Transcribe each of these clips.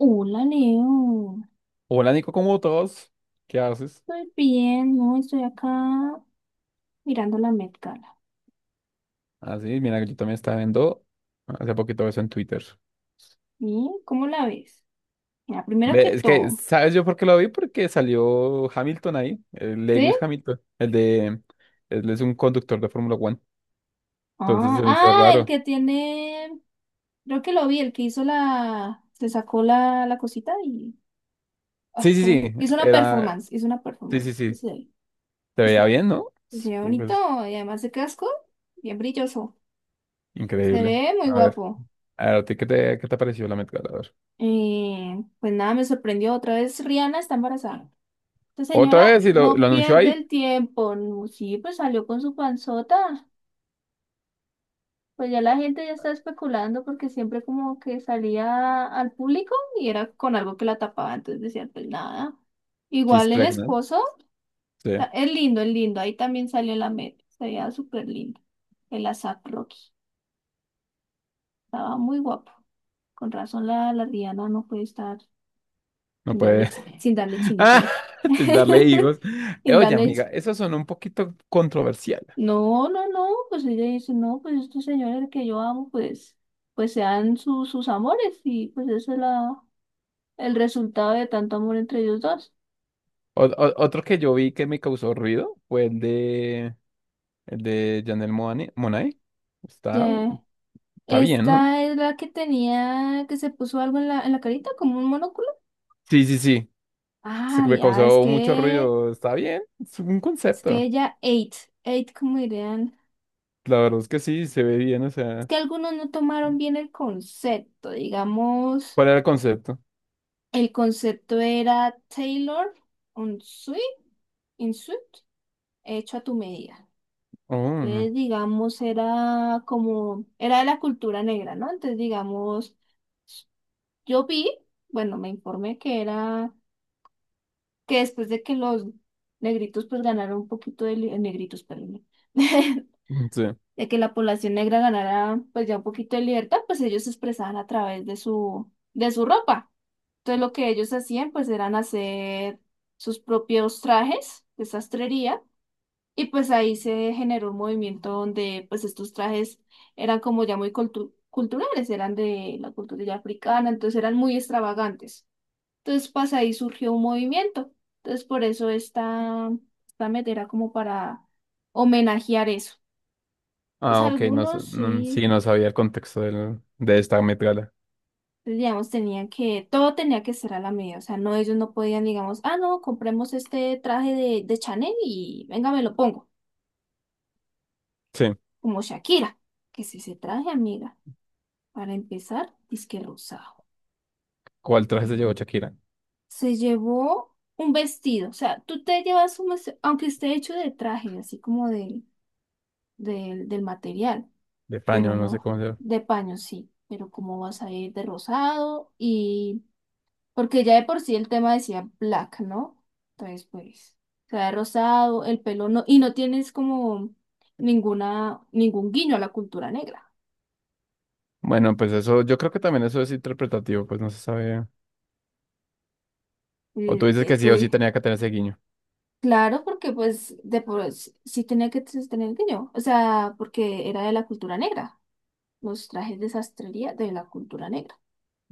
Hola Leo, Hola Nico, ¿cómo todos? ¿Qué haces? estoy bien, ¿no? Estoy acá mirando la Met Gala. Así, mira, yo también estaba viendo hace poquito eso en Twitter. ¿Y cómo la ves? Mira, primero que Ve, es que, todo, ¿sabes yo por qué lo vi? Porque salió Hamilton ahí, el ¿sí? Lewis Hamilton, el de... Él es un conductor de Fórmula Uno, entonces se me hizo El raro. que tiene, creo que lo vi, el que hizo se sacó la cosita y, Sí, ay, sí, ¿cómo? sí, Hizo una Era... performance, hizo una Sí, performance. sí, sí, Sí, te veía hizo- bien, ¿no? se ve bonito Es y además de casco, bien brilloso. Se increíble. ve muy A ver, guapo. a ver, ¿a ti qué te pareció la Met Gala? A ver. Pues nada, me sorprendió otra vez, Rihanna está embarazada. Esta Otra señora vez, y lo, no lo anunció pierde ahí. el tiempo. No, sí, pues salió con su panzota. Pues ya la gente ya está especulando porque siempre como que salía al público y era con algo que la tapaba, entonces decían, pues nada. She's Igual el pregnant. esposo, Sí, es lindo, es lindo. Ahí también salió en la media. Se veía súper lindo. El ASAP Rocky. Estaba muy guapo. Con razón la Rihanna no puede estar no puede. Sin darle chinito, Ah, al- sin darle higos. Sin Oye, darle amiga, eso son un poquito controversial. No, pues ella dice, no, pues estos señores que yo amo, pues, pues sean sus amores y pues ese es la, el resultado de tanto amor entre ellos dos. Otro que yo vi que me causó ruido fue el de Janelle Monáe. Monáe. Está, Ya. está bien, ¿no? Esta es la que tenía, que se puso algo en la carita, como un monóculo. Sí, sí, sí. Se Ah, me ya, causó mucho ruido. Está bien. Es un es que concepto. ella ate, ate como dirían. La verdad es que sí, se ve bien. O Es sea, que algunos no tomaron bien el concepto, digamos, ¿cuál era el concepto? el concepto era Taylor on suit, in suit, hecho a tu medida. Oh, Entonces, digamos, era como, era de la cultura negra, ¿no? Entonces, digamos, yo vi, bueno, me informé que era, que después de que los negritos pues ganaron un poquito de, negritos, perdón, sí. de que la población negra ganara pues ya un poquito de libertad, pues ellos se expresaban a través de de su ropa. Entonces, lo que ellos hacían pues eran hacer sus propios trajes de sastrería. Y pues ahí se generó un movimiento donde pues estos trajes eran como ya muy culturales, eran de la cultura ya africana, entonces eran muy extravagantes. Entonces pues ahí surgió un movimiento. Entonces por eso esta meta era como para homenajear eso. Entonces Ah, ok. Algunos sí, Sí, no sabía el contexto de esta metrala. pues, digamos, tenían que, todo tenía que ser a la medida, o sea, no, ellos no podían, digamos, ah, no, compremos este traje de Chanel y venga, me lo pongo, Sí. como Shakira, que si se traje, amiga. Para empezar, disque rosado. ¿Cuál traje se llevó Shakira? Se llevó un vestido, o sea, tú te llevas un vestido, aunque esté hecho de traje, así como del material, De pero paño, no sé no cómo se llama. de paño, sí. Pero cómo vas a ir de rosado y... Porque ya de por sí el tema decía black, ¿no? Entonces, pues, o sea, de rosado, el pelo no, y no tienes como ningún guiño a la cultura negra. Bueno, pues eso, yo creo que también eso es interpretativo, pues no se sabe. O tú Eh, dices que eh, sí o sí tú- tenía que tener ese guiño. Claro, porque pues de por sí sí tenía que tener que yo, o sea, porque era de la cultura negra, los trajes de sastrería de la cultura negra.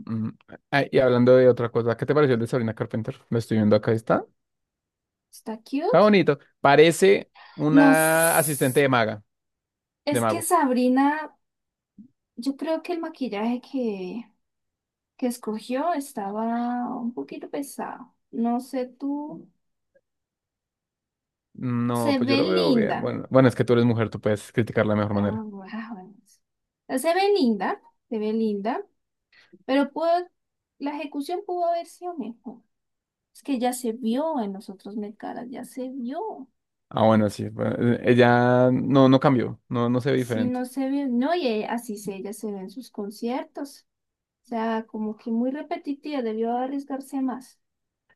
Mm. Ah, y hablando de otra cosa, ¿qué te pareció el de Sabrina Carpenter? Lo estoy viendo acá, está. Está Está cute. bonito. Parece Nos, una asistente de maga, de es que mago. Sabrina, yo creo que el maquillaje que escogió estaba un poquito pesado. No sé tú, No, se pues yo ve lo veo linda. bien. Bueno, bueno, es que tú eres mujer, tú puedes criticarla de mejor Ah, manera. bueno. Ah, bueno. Se ve linda, se ve linda, pero la ejecución pudo haber sido mejor. Es que ya se vio en los otros Met Galas, ya se vio. Ah, bueno, sí. Bueno, ella no, no cambió, no, no se ve Si diferente. no se vio, no, y así se, ella se ve en sus conciertos. O sea, como que muy repetitiva, debió arriesgarse más.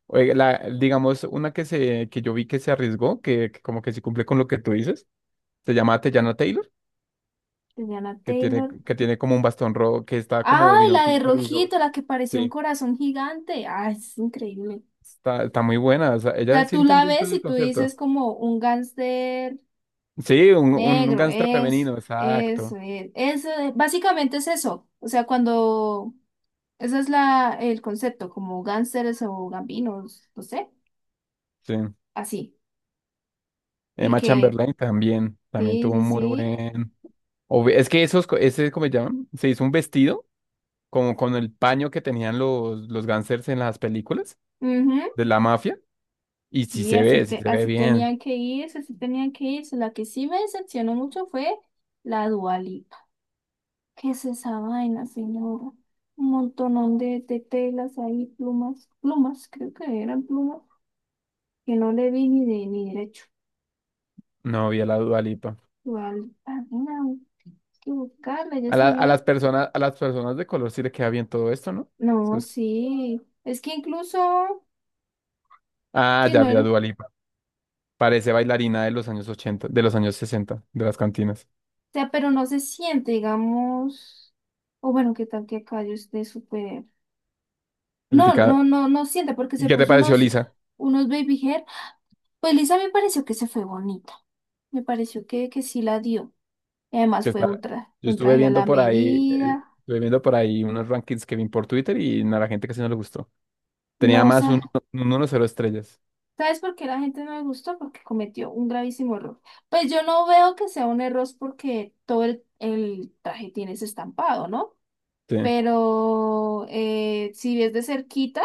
Oiga, la, digamos, una que se, que yo vi que se arriesgó, que como que sí cumple con lo que tú dices, se llama Teyana Taylor. Tenían a Que tiene, Taylor. que tiene como un bastón rojo, que está como ¡Ay, vino la de tinto y rojito, la que parecía un sí, corazón gigante! ¡Ay, es increíble! está, está muy buena, o sea, O ella sea, sí tú la entendió todo ves el y tú dices concepto. como un gángster Sí, un negro, gángster es, femenino, eso, exacto, es, básicamente es eso. O sea, cuando ese es la, el concepto, como gánsteres o gambinos, no sé, sí. así. Y Emma que, Chamberlain también, también sí, tuvo sí, un muy sí. buen... Es que ¿cómo se llaman? Se hizo un vestido como con el paño que tenían los gángsters en las películas Ujú, de la mafia, y y así, sí te, se ve así bien. tenían que irse, así tenían que irse. La que sí me decepcionó mucho fue la Dua Lipa. ¿Qué es esa vaina, señora? Un montonón de telas ahí, plumas, plumas, creo que eran plumas, que no le vi ni de ni derecho. No vi a la Dua Lipa. Dua Lipa, mira, hay que buscarla ya se A vio. las personas, a las personas de color sí le queda bien todo esto, ¿no? No, sí. Es que incluso... Ah, si ya no vi a eres. Dua Lipa. Parece bailarina de los años 80, de los años 60, de las cantinas. O sea, pero no se siente, digamos, o bueno, qué tal que acá yo esté súper. No, no, Criticada. no, no siente porque ¿Y se qué te puso pareció, Lisa? unos baby hair. Pues Lisa me pareció que se fue bonita. Me pareció que sí la dio. Y además Que fue está... un, Yo un estuve traje a viendo la por ahí, medida. estuve viendo por ahí unos rankings que vi por Twitter y a la gente casi no le gustó. Tenía No, o más sea, un 1-0 estrellas. ¿sabes por qué la gente no me gustó? Porque cometió un gravísimo error. Pues yo no veo que sea un error porque todo el traje tiene ese estampado, ¿no? Sí. Pero si ves de cerquita.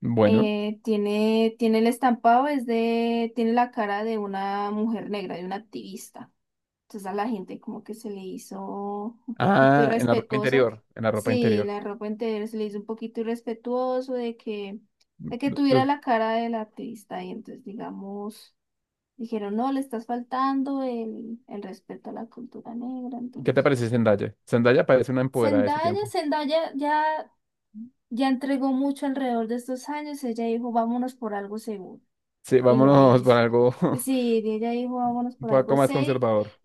Bueno. Tiene el estampado, es de, tiene la cara de una mujer negra, de una activista. Entonces a la gente como que se le hizo un poquito Ah, en la ropa irrespetuoso. Interior. En la ropa Sí, interior. la ropa entera se le hizo un poquito irrespetuoso de que tuviera Los- la cara de la activista. Y entonces, digamos, dijeron, no, le estás faltando el respeto a la cultura negra. ¿Qué te Entonces, parece Zendaya? Zendaya parece una empoderada de su Zendaya, tiempo. Zendaya ya, ya entregó mucho alrededor de estos años. Ella dijo, vámonos por algo seguro. Sí, Y lo vámonos por hizo. algo Sí, y ella dijo, vámonos un por poco algo más safe. conservador.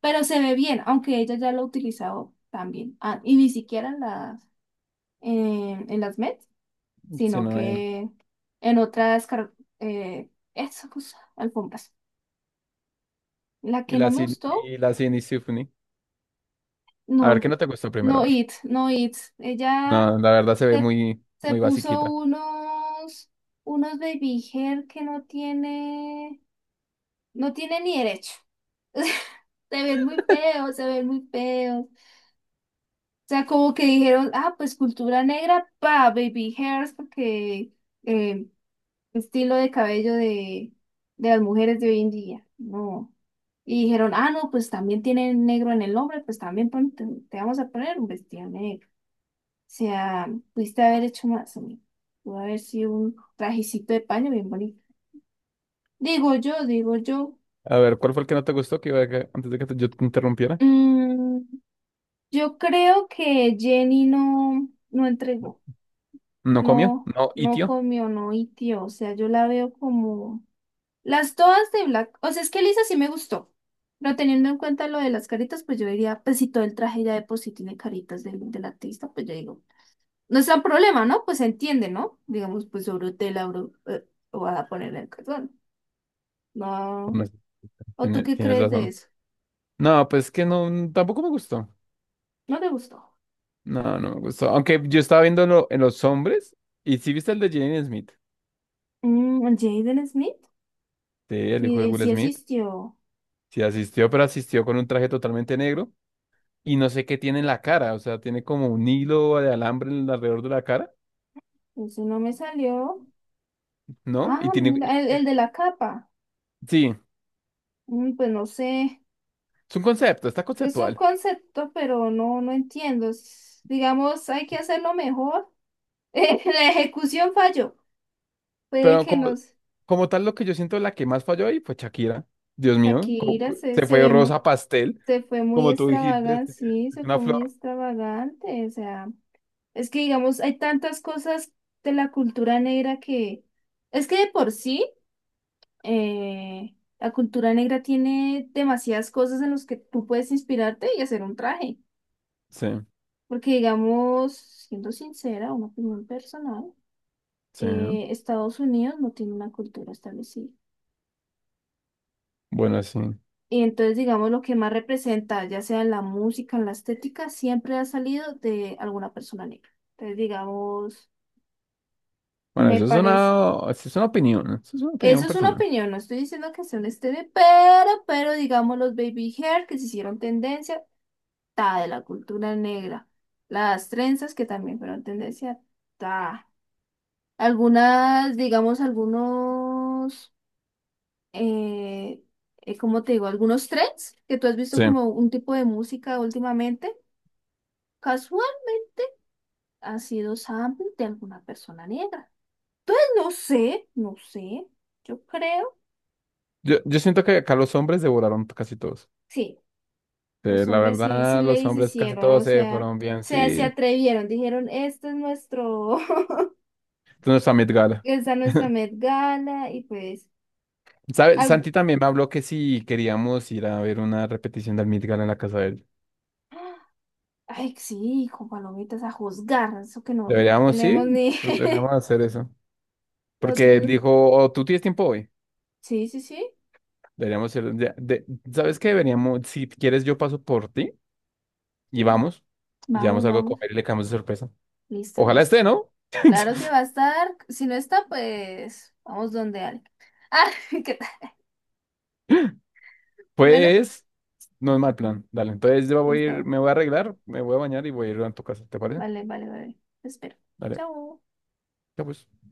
pero se ve bien, aunque ella ya lo ha utilizado también. Ah, y ni siquiera en las Met, Si sino no, que en otras car- eso, pues, alfombras. La y que la, no me gustó, y la Sydney Symphony. A ver, ¿qué no, no te gustó primero? A no ver. it, no it. Ella No, la verdad se ve se, muy, se muy puso basiquita. Unos baby hair que no tiene. No tiene ni derecho. Se ven muy feos, se ven muy feos. O sea, como que dijeron, ah, pues cultura negra, pa, baby hairs, porque eh, estilo de cabello de las mujeres de hoy en día. No. Y dijeron, ah, no, pues también tienen negro en el hombre, pues también te vamos a poner un vestido negro. O sea, pudiste haber hecho más, amigo. Pudo haber sido un trajecito de paño bien bonito. Digo yo, digo yo. A ver, ¿cuál fue el que no te gustó? Que iba a antes de que yo te interrumpiera. Mm, Yo creo que Jenny no, no entregó, ¿No comió? no, ¿No no tío? comió, no hitió. O sea, yo la veo como las todas de Black. O sea, es que Lisa sí me gustó. Pero teniendo en cuenta lo de las caritas, pues yo diría, pues si todo el traje ya de por sí tiene caritas del artista, pues yo digo, no es tan problema, ¿no? Pues se entiende, ¿no? Digamos, pues sobre tela, bro, voy a ponerle el cartón. No. ¿O tú Tienes, qué tienes crees de razón. eso? No, pues que no, tampoco me gustó. ¿No te gustó? No, no me gustó. Aunque yo estaba viéndolo en los hombres. ¿Y sí viste el de Jaden Smith? Mm, Jaden Smith. Sí, el hijo Y de él Will sí Smith. asistió. Sí asistió, pero asistió con un traje totalmente negro. Y no sé qué tiene en la cara. O sea, tiene como un hilo de alambre alrededor de la cara, Eso no me salió. ¿no? Y Ah, tiene... mira, el de la capa. Sí, Mm, pues no sé, es un concepto, está es un conceptual. concepto, pero no, no entiendo. Digamos, hay que hacerlo mejor. La ejecución falló. Puede Pero que como, nos... como tal, lo que yo siento la que más falló ahí fue Shakira. Dios mío, Shakira se, se fue rosa pastel, se fue muy como tú dijiste, es extravagante, sí, se una fue muy flor. extravagante. O sea, es que digamos, hay tantas cosas de la cultura negra que... Es que de por sí, la cultura negra tiene demasiadas cosas en las que tú puedes inspirarte y hacer un traje. Sí, Porque, digamos, siendo sincera, una opinión personal, sí. Estados Unidos no tiene una cultura establecida. Bueno, sí. Y entonces, digamos, lo que más representa, ya sea en la música, en la estética, siempre ha salido de alguna persona negra. Entonces, digamos, Bueno, me parece. Eso es una opinión, eso es una opinión Eso es una personal. opinión, no estoy diciendo que sea un estéreo, pero, digamos, los baby hair que se hicieron tendencia, ta, de la cultura negra. Las trenzas que también fueron tendencia, ta. Algunas, digamos, algunos, eh, ¿cómo te digo? Algunos trends que tú has visto Sí. como un tipo de música últimamente, casualmente ha sido sample de alguna persona negra. No sé, no sé, yo creo. Yo siento que acá los hombres devoraron casi todos. Sí, Sí, los la hombres sí, sí verdad, le los hombres casi hicieron, todos o se sea, fueron bien, se sí. atrevieron, dijeron, este es nuestro, Entonces, a Met Gala. esta es nuestra Met Gala y pues... ¿Sabes? algo- Santi también me habló que si queríamos ir a ver una repetición del Met Gala en la casa de él. Ay, sí, con palomitas a juzgar, eso que nosotros no Deberíamos, sí, tenemos ni. deberíamos hacer eso. Porque él Otro. dijo, oh, tú tienes tiempo hoy. Sí, sí, sí. Deberíamos ir, ¿sabes qué? Deberíamos, si quieres, yo paso por ti y vamos. Y llevamos Vamos, algo a vamos. comer y le caemos de sorpresa. Listo, Ojalá listo. esté, ¿no? Claro que va a estar. Si no está, pues vamos donde alguien. Ah, ¿qué tal? Bueno, Pues, no es mal plan. Dale, entonces yo voy a ir, listo. me voy a arreglar, me voy a bañar y voy a ir a tu casa, ¿te parece? Vale, vale, vale. Te espero. Dale, Chao. ya pues.